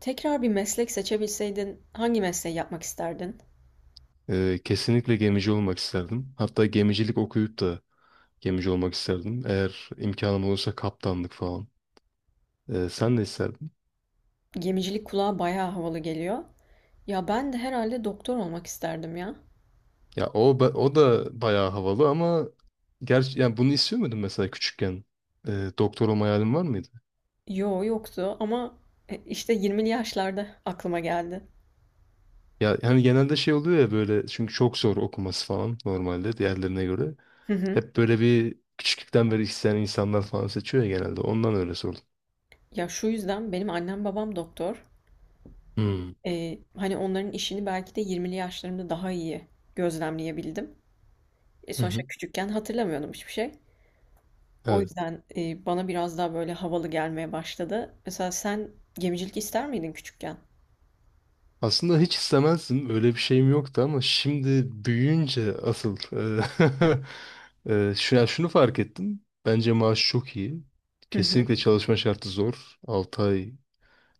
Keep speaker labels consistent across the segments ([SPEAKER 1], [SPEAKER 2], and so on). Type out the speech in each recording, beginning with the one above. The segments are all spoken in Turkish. [SPEAKER 1] Tekrar bir meslek seçebilseydin hangi mesleği yapmak isterdin?
[SPEAKER 2] Kesinlikle gemici olmak isterdim. Hatta gemicilik okuyup da gemici olmak isterdim. Eğer imkanım olursa kaptanlık falan. Sen ne isterdin?
[SPEAKER 1] Gemicilik kulağa bayağı havalı geliyor. Ya ben de herhalde doktor olmak isterdim ya.
[SPEAKER 2] Ya o da bayağı havalı ama gerçi yani bunu istiyor muydun mesela küçükken? Doktor olma hayalin var mıydı?
[SPEAKER 1] Yo yoktu ama işte 20'li yaşlarda aklıma geldi.
[SPEAKER 2] Ya hani genelde şey oluyor ya böyle çünkü çok zor okuması falan normalde diğerlerine göre.
[SPEAKER 1] Hı hı.
[SPEAKER 2] Hep böyle bir küçüklükten beri isteyen insanlar falan seçiyor ya genelde. Ondan öyle sordum.
[SPEAKER 1] Ya şu yüzden benim annem babam doktor.
[SPEAKER 2] Hmm.
[SPEAKER 1] Hani onların işini belki de 20'li yaşlarımda daha iyi gözlemleyebildim.
[SPEAKER 2] Hı
[SPEAKER 1] Sonuçta
[SPEAKER 2] hı.
[SPEAKER 1] küçükken hatırlamıyordum hiçbir şey. O
[SPEAKER 2] Evet.
[SPEAKER 1] yüzden bana biraz daha böyle havalı gelmeye başladı. Mesela sen gemicilik ister miydin küçükken?
[SPEAKER 2] Aslında hiç istemezdim. Öyle bir şeyim yoktu ama şimdi büyüyünce asıl ya şunu fark ettim. Bence maaş çok iyi.
[SPEAKER 1] Hı hı.
[SPEAKER 2] Kesinlikle çalışma şartı zor. 6 ay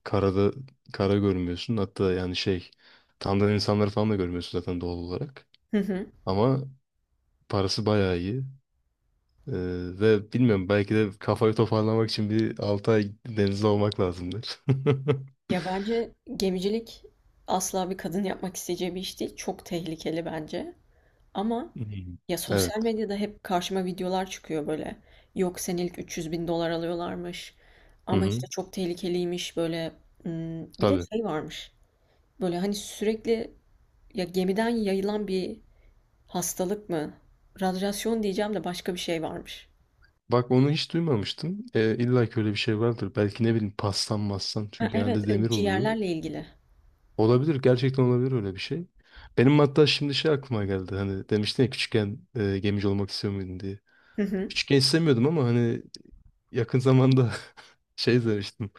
[SPEAKER 2] karada kara görmüyorsun. Hatta yani şey tanıdığın insanları falan da görmüyorsun zaten doğal olarak.
[SPEAKER 1] Hı hı.
[SPEAKER 2] Ama parası bayağı iyi. E, ve bilmiyorum belki de kafayı toparlamak için bir 6 ay denizde olmak lazımdır.
[SPEAKER 1] Ya bence gemicilik asla bir kadın yapmak isteyeceği bir iş değil. Çok tehlikeli bence. Ama
[SPEAKER 2] Hmm.
[SPEAKER 1] ya sosyal
[SPEAKER 2] Evet.
[SPEAKER 1] medyada hep karşıma videolar çıkıyor böyle. Yok senelik 300 bin dolar alıyorlarmış.
[SPEAKER 2] Hı
[SPEAKER 1] Ama
[SPEAKER 2] hı.
[SPEAKER 1] işte çok tehlikeliymiş böyle. Hmm, bir de
[SPEAKER 2] Tabii.
[SPEAKER 1] şey varmış. Böyle hani sürekli ya gemiden yayılan bir hastalık mı? Radyasyon diyeceğim de başka bir şey varmış.
[SPEAKER 2] Bak onu hiç duymamıştım. İlla ki öyle bir şey vardır. Belki ne bileyim pastan mastan.
[SPEAKER 1] Ha
[SPEAKER 2] Çünkü genelde
[SPEAKER 1] evet
[SPEAKER 2] demir oluyor.
[SPEAKER 1] ciğerlerle ilgili.
[SPEAKER 2] Olabilir. Gerçekten olabilir öyle bir şey. Benim hatta şimdi şey aklıma geldi. Hani demiştin ya küçükken gemici olmak istiyor muydun diye. Küçükken istemiyordum ama hani yakın zamanda şey demiştim.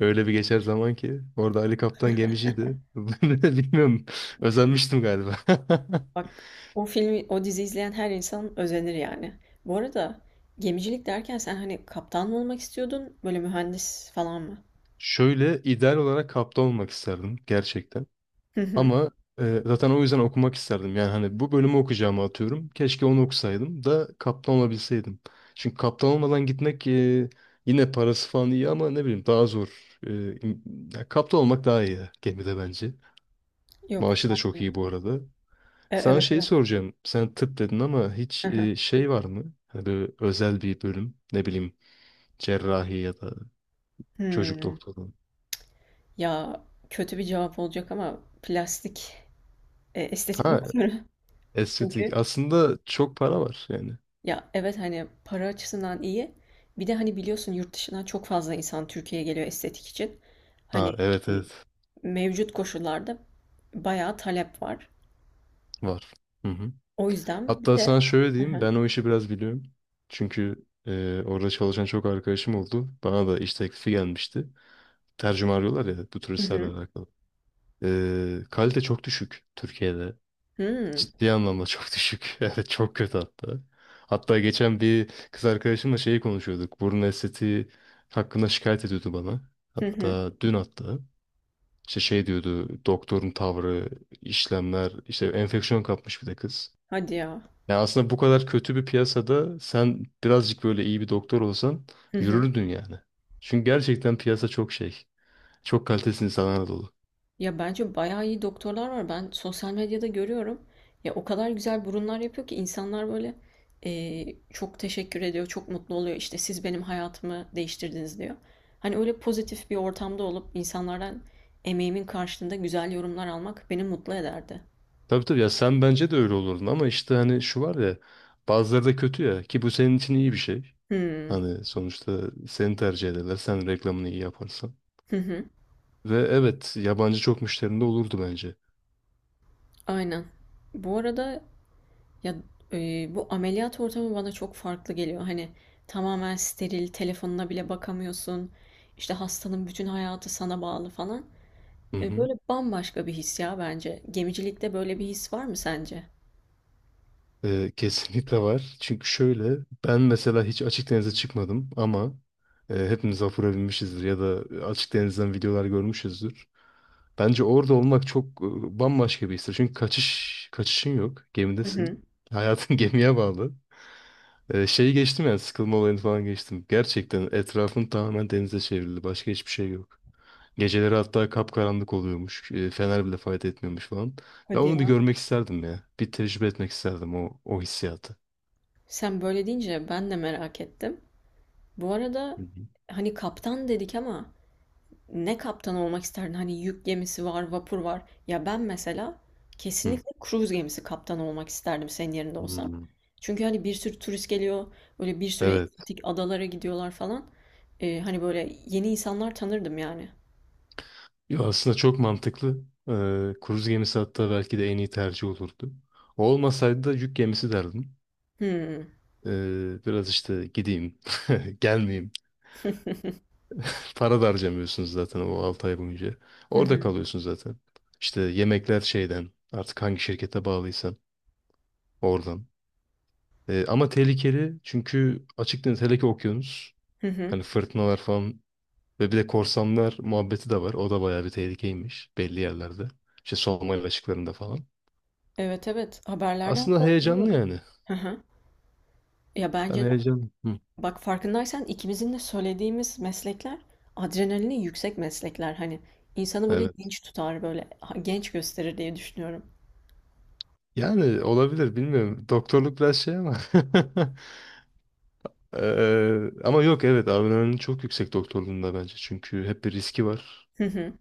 [SPEAKER 2] Öyle bir geçer zaman ki. Orada Ali Kaptan gemiciydi. Bilmiyorum. Özenmiştim galiba.
[SPEAKER 1] Bak o filmi, o dizi izleyen her insan özenir yani. Bu arada gemicilik derken sen hani kaptan mı olmak istiyordun, böyle mühendis falan mı?
[SPEAKER 2] Şöyle ideal olarak kaptan olmak isterdim. Gerçekten.
[SPEAKER 1] Hı hı.
[SPEAKER 2] Ama zaten o yüzden okumak isterdim. Yani hani bu bölümü okuyacağımı atıyorum. Keşke onu okusaydım da kaptan olabilseydim. Çünkü kaptan olmadan gitmek yine parası falan iyi ama ne bileyim daha zor. E, ya kaptan olmak daha iyi gemide bence.
[SPEAKER 1] Yok.
[SPEAKER 2] Maaşı da çok iyi bu arada. Sana
[SPEAKER 1] Evet,
[SPEAKER 2] şeyi
[SPEAKER 1] evet.
[SPEAKER 2] soracağım. Sen tıp dedin ama hiç
[SPEAKER 1] Hı hı.
[SPEAKER 2] şey var mı? Hani böyle özel bir bölüm. Ne bileyim cerrahi ya da çocuk
[SPEAKER 1] Hmm.
[SPEAKER 2] doktoru.
[SPEAKER 1] Ya kötü bir cevap olacak ama plastik estetik
[SPEAKER 2] Ha
[SPEAKER 1] doktoru.
[SPEAKER 2] estetik.
[SPEAKER 1] Çünkü
[SPEAKER 2] Aslında çok para var yani.
[SPEAKER 1] ya evet hani para açısından iyi. Bir de hani biliyorsun yurt dışından çok fazla insan Türkiye'ye geliyor estetik için. Hani
[SPEAKER 2] Ha evet
[SPEAKER 1] e,
[SPEAKER 2] evet
[SPEAKER 1] mevcut koşullarda bayağı talep var.
[SPEAKER 2] var. Hı hı.
[SPEAKER 1] O yüzden bir
[SPEAKER 2] Hatta
[SPEAKER 1] de
[SPEAKER 2] sana şöyle diyeyim, ben o işi biraz biliyorum. Çünkü orada çalışan çok arkadaşım oldu. Bana da iş teklifi gelmişti. Tercüme arıyorlar ya bu
[SPEAKER 1] Hı
[SPEAKER 2] turistlerle
[SPEAKER 1] hı.
[SPEAKER 2] alakalı. Kalite çok düşük Türkiye'de.
[SPEAKER 1] Hıı.
[SPEAKER 2] Ciddi anlamda çok düşük. Evet çok kötü hatta. Hatta geçen bir kız arkadaşımla şeyi konuşuyorduk. Burun estetiği hakkında şikayet ediyordu bana.
[SPEAKER 1] Hı hı.
[SPEAKER 2] Hatta dün hatta. İşte şey diyordu doktorun tavrı, işlemler, işte enfeksiyon kapmış bir de kız.
[SPEAKER 1] Hadi ya.
[SPEAKER 2] Yani aslında bu kadar kötü bir piyasada sen birazcık böyle iyi bir doktor olsan
[SPEAKER 1] Hı hı.
[SPEAKER 2] yürürdün yani. Çünkü gerçekten piyasa çok şey. Çok kalitesiz insanlarla dolu.
[SPEAKER 1] Ya bence bayağı iyi doktorlar var. Ben sosyal medyada görüyorum. Ya o kadar güzel burunlar yapıyor ki insanlar böyle çok teşekkür ediyor, çok mutlu oluyor. İşte siz benim hayatımı değiştirdiniz diyor. Hani öyle pozitif bir ortamda olup insanlardan emeğimin karşılığında güzel yorumlar almak beni mutlu ederdi.
[SPEAKER 2] Tabii tabii ya sen bence de öyle olurdun ama işte hani şu var ya bazıları da kötü ya ki bu senin için iyi bir şey.
[SPEAKER 1] Hı
[SPEAKER 2] Hani sonuçta seni tercih ederler sen reklamını iyi yaparsan.
[SPEAKER 1] hı. Hı.
[SPEAKER 2] Ve evet yabancı çok müşterinde olurdu bence.
[SPEAKER 1] Aynen. Bu arada, ya, bu ameliyat ortamı bana çok farklı geliyor. Hani tamamen steril, telefonuna bile bakamıyorsun. İşte hastanın bütün hayatı sana bağlı falan.
[SPEAKER 2] Hı hı.
[SPEAKER 1] Böyle bambaşka bir his ya bence. Gemicilikte böyle bir his var mı sence?
[SPEAKER 2] Kesinlikle var. Çünkü şöyle ben mesela hiç açık denize çıkmadım ama hepimiz vapura binmişizdir ya da açık denizden videolar görmüşüzdür. Bence orada olmak çok bambaşka bir histir. Çünkü kaçış kaçışın yok.
[SPEAKER 1] Hı hı.
[SPEAKER 2] Gemidesin. Hayatın gemiye bağlı. Şeyi geçtim yani sıkılma olayını falan geçtim. Gerçekten etrafın tamamen denize çevrildi. Başka hiçbir şey yok. Geceleri hatta kapkaranlık oluyormuş. Fener bile fayda etmiyormuş falan. Ben
[SPEAKER 1] Hadi
[SPEAKER 2] onu bir
[SPEAKER 1] ya.
[SPEAKER 2] görmek isterdim ya. Bir tecrübe etmek isterdim o hissiyatı.
[SPEAKER 1] Sen böyle deyince ben de merak ettim. Bu arada hani kaptan dedik ama ne kaptan olmak isterdin? Hani yük gemisi var, vapur var. Ya ben mesela
[SPEAKER 2] Hı.
[SPEAKER 1] kesinlikle kruz gemisi kaptanı olmak isterdim senin yerinde olsam.
[SPEAKER 2] Hmm.
[SPEAKER 1] Çünkü hani bir sürü turist geliyor, böyle bir sürü
[SPEAKER 2] Evet.
[SPEAKER 1] egzotik adalara gidiyorlar falan. Hani böyle yeni insanlar tanırdım yani.
[SPEAKER 2] Ya aslında çok mantıklı. Kruz gemisi hatta belki de en iyi tercih olurdu. O olmasaydı da yük gemisi derdim.
[SPEAKER 1] Hmm.
[SPEAKER 2] Biraz işte gideyim, gelmeyeyim. Para da harcamıyorsunuz zaten o 6 ay boyunca.
[SPEAKER 1] Hı
[SPEAKER 2] Orada
[SPEAKER 1] hı.
[SPEAKER 2] kalıyorsun zaten. İşte yemekler şeyden, artık hangi şirkete bağlıysan oradan. Ama tehlikeli çünkü açık deniz hele ki okyanus.
[SPEAKER 1] Hı hı.
[SPEAKER 2] Hani fırtınalar falan. Ve bir de korsanlar muhabbeti de var. O da bayağı bir tehlikeymiş belli yerlerde. İşte Somali açıklarında falan.
[SPEAKER 1] Evet, evet, haberlerde
[SPEAKER 2] Aslında
[SPEAKER 1] hatta
[SPEAKER 2] heyecanlı
[SPEAKER 1] görüyorum.
[SPEAKER 2] yani.
[SPEAKER 1] Hı hı. Ya
[SPEAKER 2] Ben
[SPEAKER 1] bence de
[SPEAKER 2] heyecanlı. Hı.
[SPEAKER 1] bak farkındaysan ikimizin de söylediğimiz meslekler adrenalini yüksek meslekler. Hani insanı böyle
[SPEAKER 2] Evet.
[SPEAKER 1] dinç tutar, böyle genç gösterir diye düşünüyorum.
[SPEAKER 2] Yani olabilir bilmiyorum. Doktorluk biraz şey ama. Ama yok evet adrenalin çok yüksek doktorluğunda bence. Çünkü hep bir riski var.
[SPEAKER 1] Hı hı,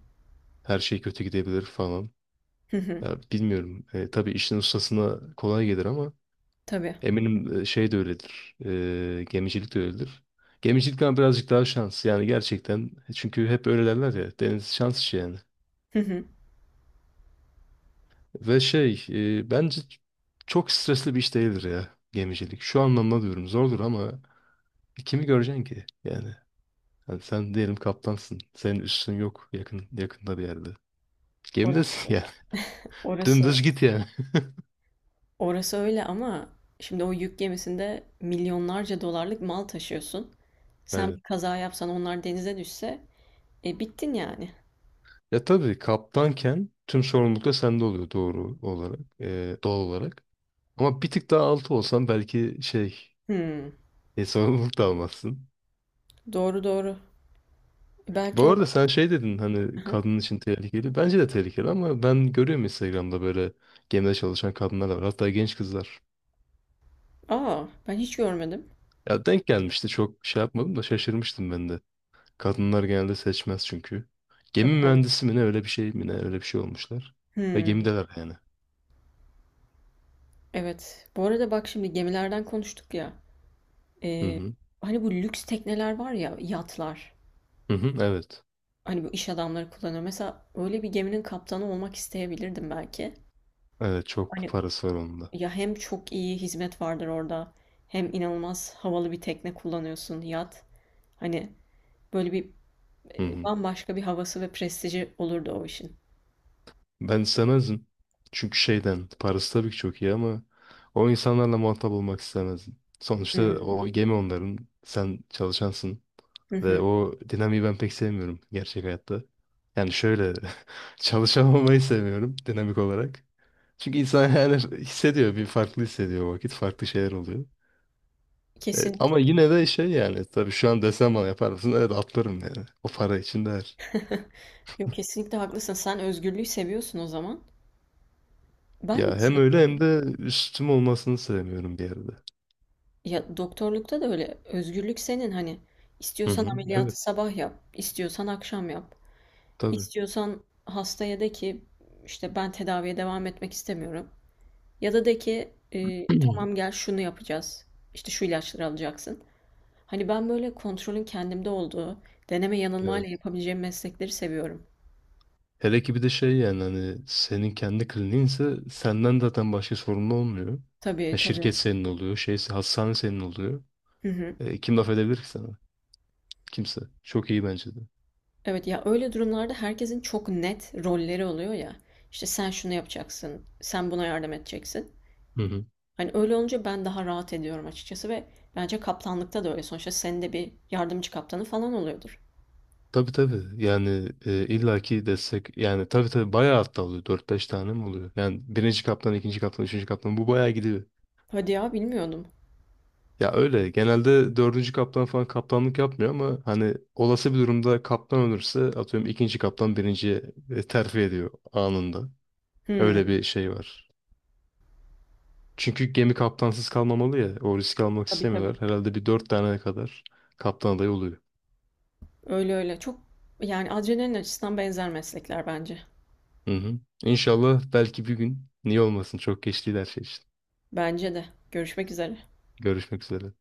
[SPEAKER 2] Her şey kötü gidebilir falan.
[SPEAKER 1] hı hı.
[SPEAKER 2] Ya bilmiyorum. Tabii işin ustasına kolay gelir ama
[SPEAKER 1] Tabii.
[SPEAKER 2] eminim şey de öyledir. Gemicilik de öyledir. Gemicilik ama birazcık daha şans. Yani gerçekten. Çünkü hep öyle derler ya. Deniz şans işi yani.
[SPEAKER 1] Hı hı.
[SPEAKER 2] Ve şey bence çok stresli bir iş değildir ya gemicilik. Şu anlamda diyorum zordur ama kimi göreceksin ki? Yani hani sen diyelim kaptansın. Senin üstün yok yakında bir yerde. Gemidesin
[SPEAKER 1] Orası,
[SPEAKER 2] yani.
[SPEAKER 1] orası,
[SPEAKER 2] Dümdüz git yani.
[SPEAKER 1] orası öyle ama şimdi o yük gemisinde milyonlarca dolarlık mal taşıyorsun. Sen bir
[SPEAKER 2] Evet.
[SPEAKER 1] kaza yapsan onlar denize düşse, e bittin yani.
[SPEAKER 2] Ya tabii kaptanken tüm sorumluluk da sende oluyor doğru olarak. Doğal olarak. Ama bir tık daha altı olsan belki şey
[SPEAKER 1] Hmm,
[SPEAKER 2] sorumluluk da almazsın.
[SPEAKER 1] doğru doğru.
[SPEAKER 2] Bu
[SPEAKER 1] Belki o
[SPEAKER 2] arada
[SPEAKER 1] da.
[SPEAKER 2] sen şey dedin
[SPEAKER 1] Hı
[SPEAKER 2] hani
[SPEAKER 1] hı.
[SPEAKER 2] kadın için tehlikeli. Bence de tehlikeli ama ben görüyorum Instagram'da böyle gemide çalışan kadınlar da var. Hatta genç kızlar.
[SPEAKER 1] Aa, ben hiç görmedim.
[SPEAKER 2] Ya denk gelmişti çok şey yapmadım da şaşırmıştım ben de. Kadınlar genelde seçmez çünkü. Gemi
[SPEAKER 1] Tabii, tabii.
[SPEAKER 2] mühendisi mi ne öyle bir şey olmuşlar. Ve
[SPEAKER 1] Hmm.
[SPEAKER 2] gemideler yani.
[SPEAKER 1] Evet. Bu arada bak şimdi gemilerden konuştuk ya.
[SPEAKER 2] Hı
[SPEAKER 1] Ee,
[SPEAKER 2] hı.
[SPEAKER 1] hani bu lüks tekneler var ya, yatlar.
[SPEAKER 2] Hı hı. Evet.
[SPEAKER 1] Hani bu iş adamları kullanıyor. Mesela öyle bir geminin kaptanı olmak isteyebilirdim belki.
[SPEAKER 2] Evet çok
[SPEAKER 1] Hani
[SPEAKER 2] parası var onun da.
[SPEAKER 1] ya hem çok iyi hizmet vardır orada, hem inanılmaz havalı bir tekne kullanıyorsun, yat. Hani böyle bir
[SPEAKER 2] Hı hı.
[SPEAKER 1] bambaşka bir havası ve prestiji olurdu o işin.
[SPEAKER 2] Ben istemezdim. Çünkü şeyden, parası tabii ki çok iyi ama o insanlarla muhatap olmak istemezdim. Sonuçta
[SPEAKER 1] Hmm.
[SPEAKER 2] o gemi onların, sen çalışansın
[SPEAKER 1] Hı
[SPEAKER 2] ve
[SPEAKER 1] hı.
[SPEAKER 2] o dinamiği ben pek sevmiyorum gerçek hayatta. Yani şöyle, çalışamamayı sevmiyorum dinamik olarak. Çünkü insan yani hissediyor, bir farklı hissediyor o vakit, farklı şeyler oluyor.
[SPEAKER 1] Kesinlikle.
[SPEAKER 2] Ama yine de şey yani, tabii şu an desem bana yapar mısın? Evet atlarım yani. O para için değer.
[SPEAKER 1] Yok, kesinlikle haklısın. Sen özgürlüğü seviyorsun o zaman. Ben de
[SPEAKER 2] Ya hem öyle hem
[SPEAKER 1] seviyorum.
[SPEAKER 2] de üstüm olmasını sevmiyorum bir yerde.
[SPEAKER 1] Ya, doktorlukta da öyle. Özgürlük senin, hani,
[SPEAKER 2] Hı
[SPEAKER 1] istiyorsan
[SPEAKER 2] hı.
[SPEAKER 1] ameliyatı
[SPEAKER 2] Evet.
[SPEAKER 1] sabah yap, istiyorsan akşam yap.
[SPEAKER 2] Tabii.
[SPEAKER 1] İstiyorsan hastaya de ki, işte, "Ben tedaviye devam etmek istemiyorum." ya da de ki, "Tamam, gel şunu yapacağız, işte, şu ilaçları alacaksın." Hani, ben böyle kontrolün kendimde olduğu, deneme yanılmayla
[SPEAKER 2] Evet.
[SPEAKER 1] yapabileceğim meslekleri seviyorum.
[SPEAKER 2] Hele ki bir de şey yani hani senin kendi kliniğinse senden zaten başka sorumlu olmuyor.
[SPEAKER 1] Tabii,
[SPEAKER 2] Ya
[SPEAKER 1] tabii.
[SPEAKER 2] şirket senin oluyor, şey hastane senin oluyor.
[SPEAKER 1] Hı hı.
[SPEAKER 2] Kim laf edebilir ki sana? Kimse. Çok iyi bence de.
[SPEAKER 1] Evet, ya, öyle durumlarda herkesin çok net rolleri oluyor ya. İşte, sen şunu yapacaksın, sen buna yardım edeceksin.
[SPEAKER 2] Hı hı.
[SPEAKER 1] Hani öyle olunca ben daha rahat ediyorum açıkçası ve bence kaptanlıkta da öyle. Sonuçta senin de bir yardımcı kaptanı falan oluyordur.
[SPEAKER 2] Tabii tabii. Yani illaki destek yani tabii tabii bayağı hatta oluyor. 4-5 tane mi oluyor? Yani birinci kaptan, ikinci kaptan, üçüncü kaptan bu bayağı gidiyor.
[SPEAKER 1] Hadi ya, bilmiyordum.
[SPEAKER 2] Ya öyle genelde dördüncü kaptan falan kaptanlık yapmıyor ama hani olası bir durumda kaptan ölürse atıyorum ikinci kaptan birinciye terfi ediyor anında. Öyle
[SPEAKER 1] Hmm,
[SPEAKER 2] bir şey var. Çünkü gemi kaptansız kalmamalı ya o riski almak
[SPEAKER 1] tabii,
[SPEAKER 2] istemiyorlar.
[SPEAKER 1] tabii.
[SPEAKER 2] Herhalde bir dört tane kadar kaptan adayı oluyor.
[SPEAKER 1] Öyle öyle. Çok yani adrenalin açısından benzer meslekler bence.
[SPEAKER 2] Hı hı. İnşallah belki bir gün niye olmasın çok geç değil her şey için.
[SPEAKER 1] Bence de. Görüşmek üzere.
[SPEAKER 2] Görüşmek üzere.